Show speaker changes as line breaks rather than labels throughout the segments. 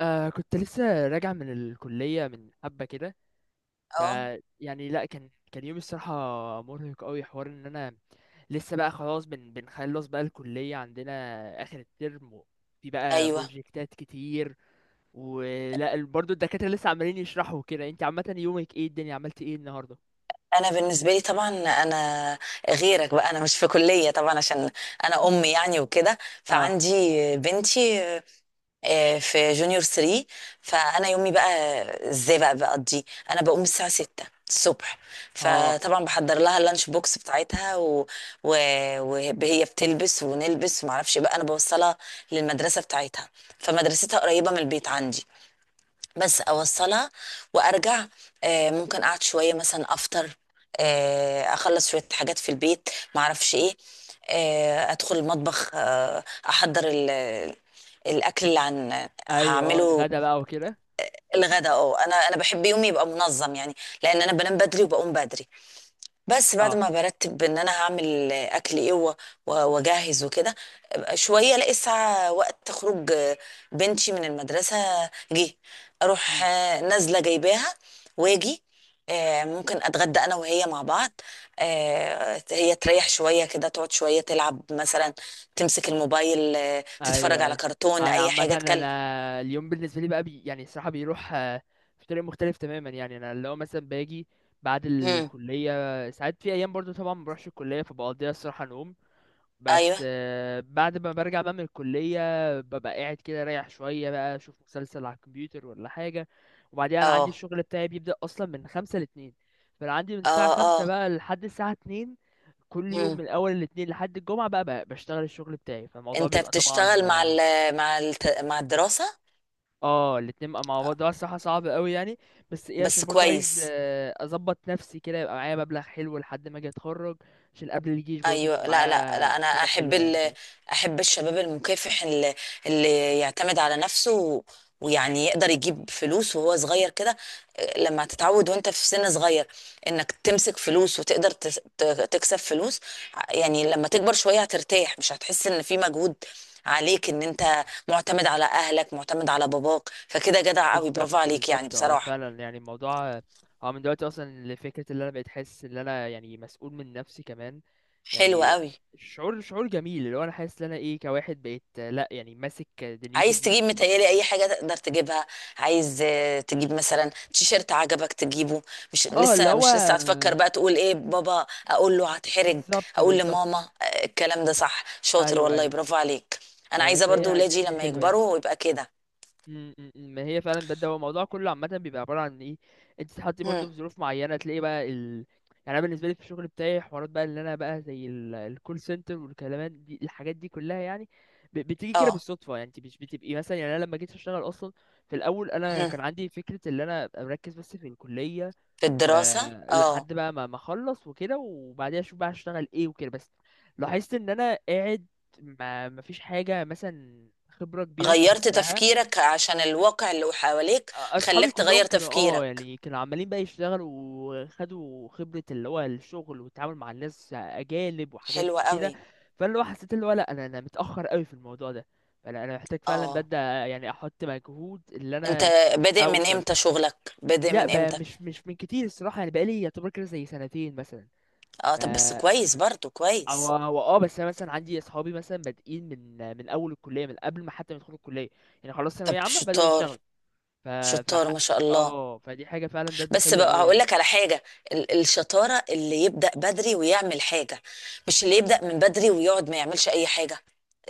كنت لسه راجع من الكلية من حبة كده. ف
اه،
يعني لا كان يوم الصراحة مرهق قوي، حوار ان انا لسه، بقى خلاص بنخلص بقى الكلية عندنا اخر الترم، في بقى
ايوه،
بروجكتات كتير. برضو الدكاترة لسه عمالين يشرحوا كده. انت عامة يومك ايه؟ الدنيا عملت ايه النهاردة؟
انا بالنسبه لي طبعا، انا غيرك بقى، انا مش في كليه طبعا عشان انا يعني وكده،
اه.
فعندي بنتي في جونيور 3. فانا يومي بقى، ازاي بقى بقضي، انا بقوم الساعه 6 الصبح،
اه.
فطبعا بحضر لها اللانش بوكس بتاعتها، و... وهي بتلبس ونلبس ومعرفش إيه، بقى انا بوصلها للمدرسه بتاعتها، فمدرستها قريبه من البيت عندي، بس اوصلها وارجع، ممكن اقعد شويه مثلا افطر، اخلص شويه حاجات في البيت، معرفش ايه، ادخل المطبخ، احضر الاكل اللي
ايوه اه،
هعمله،
الغدا بقى وكده.
الغدا. اه، انا بحب يومي يبقى منظم يعني، لان انا بنام بدري وبقوم بدري، بس بعد
اه.
ما برتب ان انا هعمل اكل ايه، واجهز وكده، شويه الاقي الساعه وقت خروج بنتي من المدرسه، جه اروح
إمم.
نازله جايباها واجي، ممكن اتغدى انا وهي مع بعض، هي تريح شويه كده، تقعد شويه تلعب مثلا، تمسك الموبايل، تتفرج
ايوه
على
ايوه.
كرتون
انا
اي
عامه،
حاجه تكلم.
انا اليوم بالنسبه لي بقى يعني الصراحه بيروح، في طريق مختلف تماما. يعني انا اللي هو مثلا باجي بعد
مم.
الكليه، ساعات في ايام برضو طبعا ما بروحش الكليه فبقضيها الصراحه نوم.
ايوه،
بس بعد ما برجع بقى من الكليه ببقى قاعد كده رايح شويه، بقى اشوف مسلسل على الكمبيوتر ولا حاجه. وبعدين انا عندي
اه،
الشغل بتاعي بيبدا اصلا من خمسة لاتنين. فانا عندي من الساعه
اه،
خمسة
اه،
بقى لحد الساعه اتنين كل يوم،
مم.
من اول الاتنين لحد الجمعه، بقى بشتغل الشغل بتاعي. فالموضوع
انت
بيبقى طبعا
بتشتغل مع ال مع ال مع الدراسه؟
اه الاتنين بقى مع بعض ده الصراحة صعب قوي يعني. بس ايه،
بس
عشان برضه عايز
كويس.
اظبط نفسي كده يبقى معايا مبلغ حلو لحد ما اجي اتخرج، عشان قبل الجيش برضه يكون
ايوه، لا لا لا،
معايا
انا
حاجة
احب
حلوة يعني كده.
احب الشباب المكافح اللي يعتمد على نفسه، ويعني يقدر يجيب فلوس وهو صغير كده، لما تتعود وانت في سن صغير انك تمسك فلوس وتقدر تكسب فلوس، يعني لما تكبر شوية هترتاح، مش هتحس ان في مجهود عليك ان انت معتمد على اهلك، معتمد على باباك، فكده جدع قوي،
بالظبط
برافو عليك يعني
بالظبط، اه
بصراحة.
فعلا يعني الموضوع، اه من دلوقتي اصلا لفكرة اللي انا بقيت حاسس ان انا يعني مسؤول من نفسي كمان.
حلو
يعني
قوي.
شعور جميل، اللي هو انا حاسس ان انا ايه كواحد بقيت، لا يعني ماسك دنيتي
عايز تجيب،
بنفسي.
متهيألي اي حاجه تقدر تجيبها، عايز تجيب مثلا تيشيرت عجبك تجيبه، مش
اه اللي
لسه
هو
مش لسه هتفكر بقى تقول ايه بابا، اقول له هتحرج،
بالظبط
اقول
بالظبط.
لماما، الكلام ده صح، شاطر
ايوه
والله،
ايوه.
برافو عليك. انا عايزه برضو
فهي الدنيا
ولادي
دي
لما
حلوة يعني.
يكبروا يبقى كده.
م- م- م. ما هي فعلا بجد، هو الموضوع كله عامة بيبقى عبارة عن ايه؟ انت تتحطي
هم،
برضه في ظروف معينة تلاقي بقى ال... يعني انا بالنسبة لي في الشغل بتاعي حوارات بقى اللي انا بقى زي الكول سنتر والكلامات دي الحاجات دي كلها يعني بتيجي كده
اه،
بالصدفة. يعني انت مش بتبقي مثلا، يعني انا لما جيت اشتغل اصلا في الاول انا
هم،
كان عندي فكرة ان انا ابقى مركز بس في الكلية،
في الدراسه، اه.
ولحد بقى ما اخلص وكده وبعديها اشوف بقى هشتغل ايه وكده. بس لاحظت ان انا قاعد ما مفيش حاجة مثلا خبرة كبيرة
غيرت
استفدتها.
تفكيرك عشان الواقع اللي حواليك
اصحابي
خلاك
كلهم
تغير
كانوا اه
تفكيرك،
يعني كانوا عمالين بقى يشتغلوا وخدوا خبرة، اللي هو الشغل والتعامل مع الناس اجانب وحاجات
حلوة
كده.
قوي.
فاللي هو حسيت اللي هو لا، انا متأخر قوي في الموضوع ده. فانا محتاج فعلا
اه،
ببدأ يعني احط مجهود اللي
انت
انا
بادئ من
اوصل.
امتى؟ شغلك بادئ
لا
من
بقى
امتى؟
مش من كتير الصراحة، يعني بقالي يعتبر كده زي سنتين مثلا.
اه،
ف
طب بس كويس، برضو
او
كويس.
او اه بس انا مثلا عندي اصحابي مثلا بادئين من اول الكلية، من قبل ما حتى ما يدخلوا الكلية، يعني خلاص
طب
ثانوية عامة بدأوا
شطار،
يشتغلوا. ف ف
شطار ما شاء الله.
اه فدي حاجة فعلا بجد
بس
حلوة
بقى
قوي
هقول
يعني.
لك على حاجه، الشطاره اللي يبدا بدري ويعمل حاجه، مش اللي يبدا من بدري ويقعد ما يعملش اي حاجه.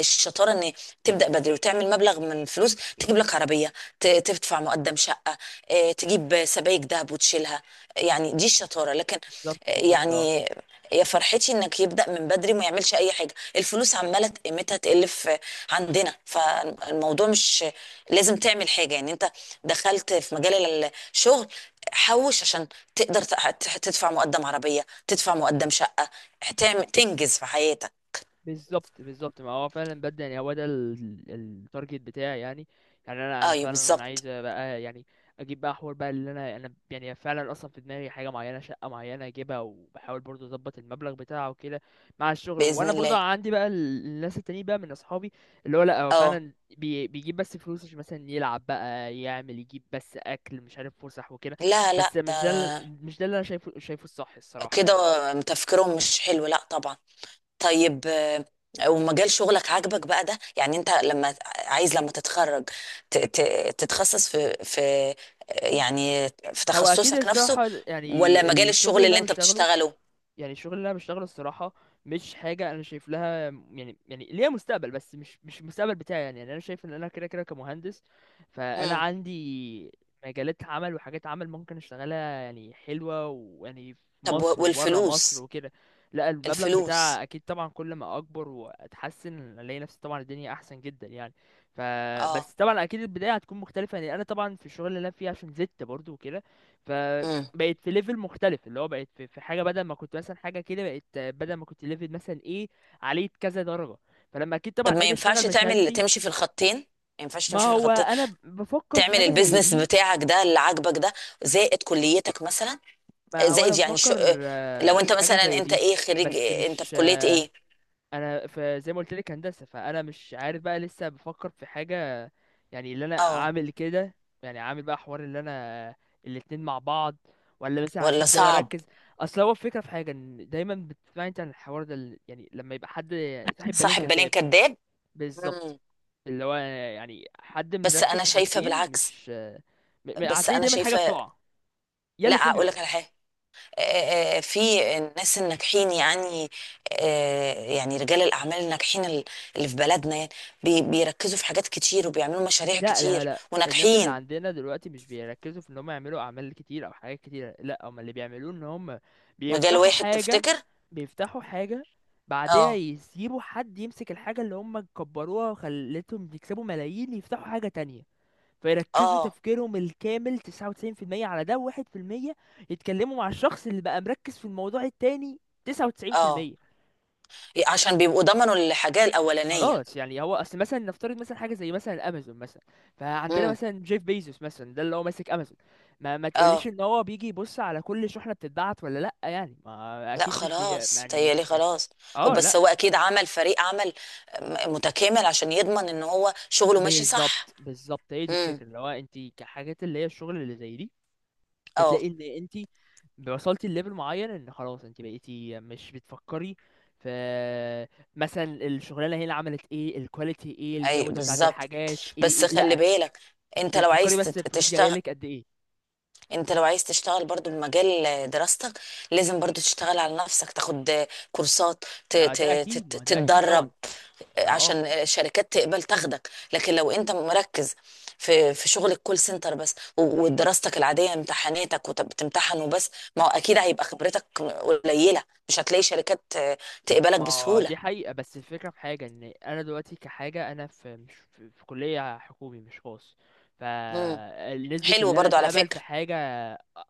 الشطاره ان تبدا بدري وتعمل مبلغ من الفلوس، تجيب لك عربيه، تدفع مقدم شقه، تجيب سبائك ذهب وتشيلها، يعني دي الشطاره. لكن
بالظبط بالظبط. اه
يعني يا فرحتي انك يبدا من بدري وما يعملش اي حاجه، الفلوس عماله قيمتها تقل في عندنا، فالموضوع مش لازم تعمل حاجه يعني، انت دخلت في مجال الشغل، حوش عشان تقدر تدفع مقدم عربية، تدفع مقدم شقة، تعمل تنجز في حياتك.
بالظبط بالظبط، ما هو فعلا بدأ يعني. هو ده التارجت بتاعي يعني. يعني انا
ايوه
فعلا
بالظبط.
عايز بقى يعني اجيب بقى حوار بقى اللي انا يعني فعلا اصلا في دماغي حاجه معينه، شقه معينه اجيبها، وبحاول برضو اظبط المبلغ بتاعه وكده مع الشغل.
بإذن
وانا برضو
الله.
عندي بقى الناس التانيين بقى من اصحابي اللي هو لا هو
اه،
فعلا بيجيب بس فلوس عشان مثلا يلعب بقى، يعمل، يجيب بس اكل مش عارف، فسح وكده.
لا لا،
بس مش ده
ده
مش ده اللي انا شايفه، شايفه الصح الصراحه
كده
يعني.
تفكيرهم مش حلو، لا طبعا. طيب، ومجال شغلك عاجبك بقى ده؟ يعني انت لما عايز، لما تتخرج تتخصص في يعني في
هو اكيد
تخصصك نفسه،
الصراحه
ولا
يعني
مجال
الشغل
الشغل
اللي
اللي
انا
انت
بشتغله،
بتشتغله؟
يعني الشغل اللي انا بشتغله الصراحه مش حاجه انا شايف لها يعني، يعني ليها مستقبل بس مش المستقبل بتاعي يعني، يعني انا شايف ان انا كده كده كمهندس. فانا
مم.
عندي مجالات عمل وحاجات عمل ممكن اشتغلها يعني حلوه، ويعني في
طب،
مصر وبره مصر
والفلوس،
وكده. لا المبلغ
الفلوس،
بتاع اكيد طبعا كل ما اكبر واتحسن الاقي نفسي طبعا الدنيا احسن جدا يعني.
اه،
فبس طبعا اكيد البدايه هتكون مختلفه. يعني انا طبعا في الشغل اللي انا فيه عشان زدت برضو وكده
مم.
بقت في ليفل مختلف، اللي هو بقت في حاجه بدل ما كنت مثلا حاجه كده، بقت بدل ما كنت ليفل مثلا ايه عليه كذا درجه. فلما اكيد طبعا
طب ما
اجي اشتغل
ينفعش تعمل
بشهادتي.
تمشي في الخطين؟ ما ينفعش
ما
تمشي في
هو
الخطين؟
انا بفكر في
تعمل
حاجه زي
البيزنس
دي.
بتاعك ده اللي عاجبك ده زائد كليتك مثلا،
ما هو انا
زائد يعني شو،
بفكر
لو انت
في حاجه
مثلا
زي
انت
دي.
ايه خريج
بس
إيه؟ انت في
مش،
كلية ايه؟
انا في زي ما قلت لك هندسه فانا مش عارف بقى لسه بفكر في حاجه، يعني اللي انا
اه،
عامل كده، يعني عامل بقى حوار اللي انا الاتنين مع بعض، ولا مثلا
ولا
هسيب ده
صعب؟
واركز. اصل هو الفكره في حاجه ان دايما بتسمع انت عن الحوار ده يعني لما يبقى حد صاحب بالين
صاحب بالين
كداب.
كداب.
بالظبط.
مم.
اللي هو يعني حد
بس
مركز
انا
في
شايفة
حاجتين،
بالعكس،
مش م- م-
بس
هتلاقي
انا
دايما حاجه
شايفة.
بتقع، يا
لا
الاتنين
اقول
بيقعوا.
لك على حاجة، في الناس الناجحين يعني، يعني رجال الأعمال الناجحين، اللي في بلدنا يعني بيركزوا في حاجات كتير وبيعملوا مشاريع
لا لا
كتير
لا، الناس اللي
وناجحين.
عندنا دلوقتي مش بيركزوا في ان هم يعملوا اعمال كتير او حاجات كتير، لا هم اللي بيعملوه ان هم
مجال
بيفتحوا
واحد
حاجة،
تفتكر؟
بيفتحوا حاجة بعدها
اه،
يسيبوا حد يمسك الحاجة اللي هم كبروها وخلتهم يكسبوا ملايين، يفتحوا حاجة تانية. فيركزوا
اه،
تفكيرهم الكامل 99% على ده، وواحد في المية يتكلموا مع الشخص اللي بقى مركز في الموضوع التاني.
اه،
99%.
عشان بيبقوا ضمنوا الحاجة الأولانية.
خلاص يعني. هو اصل مثلا نفترض مثلا حاجه زي مثلا امازون مثلا، فعندنا
امم.
مثلا جيف بيزوس مثلا ده اللي هو ماسك امازون. ما تقوليش
اه،
ان هو بيجي يبص على كل شحنه بتتبعت ولا لا، يعني ما
لا
اكيد مش بي
خلاص
يعني
تهيألي
مش بي...
خلاص. هو،
اه
بس
لا.
هو أكيد عمل فريق عمل متكامل عشان يضمن إن هو شغله ماشي صح.
بالظبط بالظبط، هي دي
امم.
الفكره. اللي هو انت كحاجات اللي هي الشغل اللي زي دي بتلاقي
اه،
ان انت وصلتي لليفل معين ان خلاص انت بقيتي مش بتفكري في مثلا الشغلانه هنا عملت ايه، الكواليتي ايه،
اي
الجوده بتاعت
بالظبط.
الحاجات ايه،
بس
إيه.
خلي
لا،
بالك، انت
انت
لو
بتفكري
عايز
بس
تت-
الفلوس جايه
تشتغل
لك قد ايه.
انت لو عايز تشتغل برضو بمجال دراستك، لازم برضو تشتغل على نفسك، تاخد كورسات، ت- ت-
ده اكيد، ما هو ده اكيد
تتدرب
طبعا. ده اه،
عشان الشركات تقبل تاخدك. لكن لو انت مركز في شغل الكول سنتر بس، ودراستك العاديه امتحاناتك وبتمتحن وبس، ما هو اكيد هيبقى خبرتك قليله، مش هتلاقي شركات تقبلك
ما هو
بسهوله.
دي حقيقه. بس الفكره في حاجه ان انا دلوقتي كحاجه انا في كليه حكومي مش خاص.
مم.
فنسبة
حلو
اللي انا
برضو على
اتقبل في
فكره.
حاجة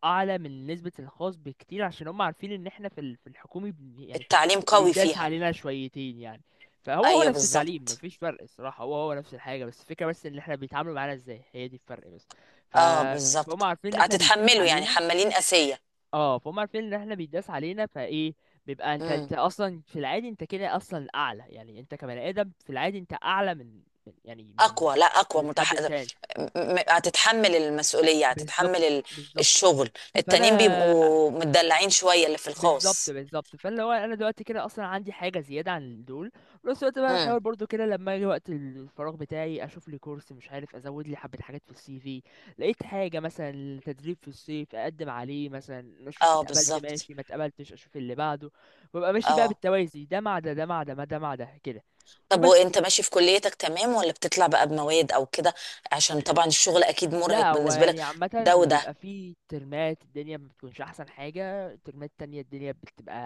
اعلى من نسبة الخاص بكتير، عشان هم عارفين ان احنا في في الحكومي يعني
التعليم قوي
بيداس
فيها.
علينا شويتين يعني. فهو هو
ايوه
نفس التعليم
بالظبط.
مفيش فرق الصراحة، هو هو نفس الحاجة، بس الفكرة بس ان احنا بيتعاملوا معانا ازاي، هي دي الفرق بس. ف-
اه
فهم
بالظبط.
عارفين ان احنا بيداس
هتتحمله يعني،
علينا.
حمالين قاسية.
اه فهم عارفين ان احنا بيداس علينا فايه، بيبقى انت، انت
امم.
اصلا في العادي انت كده اصلا اعلى، يعني انت كبني ادم في العادي انت اعلى من يعني من
اقوى، لا اقوى
الحد التاني.
هتتحمل المسؤولية، هتتحمل
بالظبط بالظبط.
الشغل، التانيين
فانا
بيبقوا متدلعين شوية اللي في
بالظبط
الخاص.
بالظبط، فاللي هو انا دلوقتي كده اصلا عندي حاجه زياده عن دول. في نفس الوقت بقى
امم.
بحاول برضو كده لما اجي وقت الفراغ بتاعي اشوف لي كورس، مش عارف ازود لي حبه حاجات في السي في، لقيت حاجه مثلا تدريب في الصيف اقدم عليه مثلا، اشوف
اه
اتقبلت
بالظبط.
ماشي ما اتقبلتش اشوف اللي بعده. وابقى ماشي بقى
اه،
بالتوازي، ده مع ده، ده مع ده، ما ده مع ده كده.
طب
وبس.
وانت ماشي في كليتك تمام ولا بتطلع بقى بمواد او كده؟ عشان طبعا الشغل اكيد مرهق
لا هو
بالنسبة لك،
يعني عامة
ده وده.
بيبقى فيه ترمات الدنيا ما بتكونش أحسن حاجة، ترمات تانية الدنيا بتبقى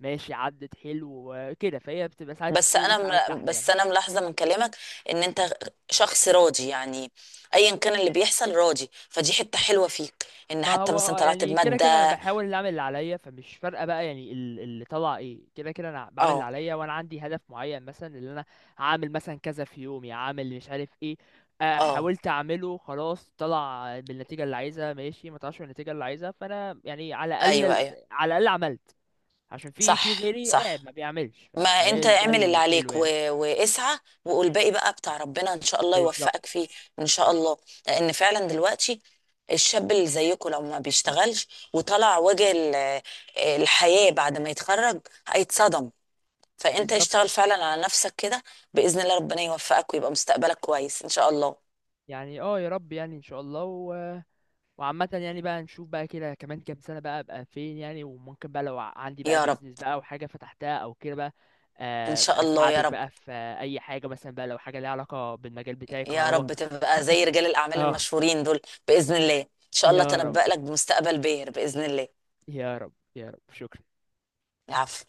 ماشي عدت حلو كده. فهي بتبقى ساعات
بس
فوق
انا
وساعات تحت يعني.
بس انا ملاحظه من كلامك ان انت شخص راضي يعني، ايا كان اللي بيحصل راضي، فدي حته حلوه فيك، ان
ما
حتى
هو
مثلا طلعت
يعني كده كده أنا
بماده.
بحاول أعمل اللي عليا فمش فارقة بقى. يعني اللي طلع إيه، كده كده أنا بعمل اللي
اه،
عليا، وأنا عندي هدف معين مثلا اللي أنا هعمل مثلا كذا في يومي، هعمل مش عارف إيه.
اه،
حاولت أعمله خلاص، طلع بالنتيجة اللي عايزها ماشي ما طلعش بالنتيجة اللي عايزها، فأنا يعني على
ايوه،
الأقل،
ايوه،
على الأقل عملت، عشان في في
صح،
غيري قاعد
صح.
ما بيعملش.
ما
فهي
انت
ده
اعمل اللي
الحلو
عليك،
يعني.
واسعى وقول باقي بقى بتاع ربنا ان شاء الله يوفقك
بالظبط
فيه. ان شاء الله. لان فعلا دلوقتي الشاب اللي زيكم لو ما بيشتغلش وطلع وجه الحياه بعد ما يتخرج هيتصدم، فانت
بالظبط.
اشتغل فعلا على نفسك كده. باذن الله ربنا يوفقك ويبقى مستقبلك كويس ان شاء الله.
يعني اه يا رب يعني ان شاء الله. و... وعامة يعني بقى نشوف بقى كده كمان كام سنة بقى ابقى فين يعني، وممكن بقى لو عندي بقى
يا رب.
بيزنس بقى او حاجة فتحتها او كده بقى
ان شاء
أبقى
الله. يا
اساعدك
رب،
بقى في اي حاجة مثلا بقى، لو حاجة ليها علاقة بالمجال بتاعي
يا
كهرباء.
رب تبقى زي رجال الاعمال
اه
المشهورين دول، باذن الله ان شاء الله
يا رب.
تنبأ لك بمستقبل باهر باذن الله.
يا رب يا رب، شكرا.
العفو.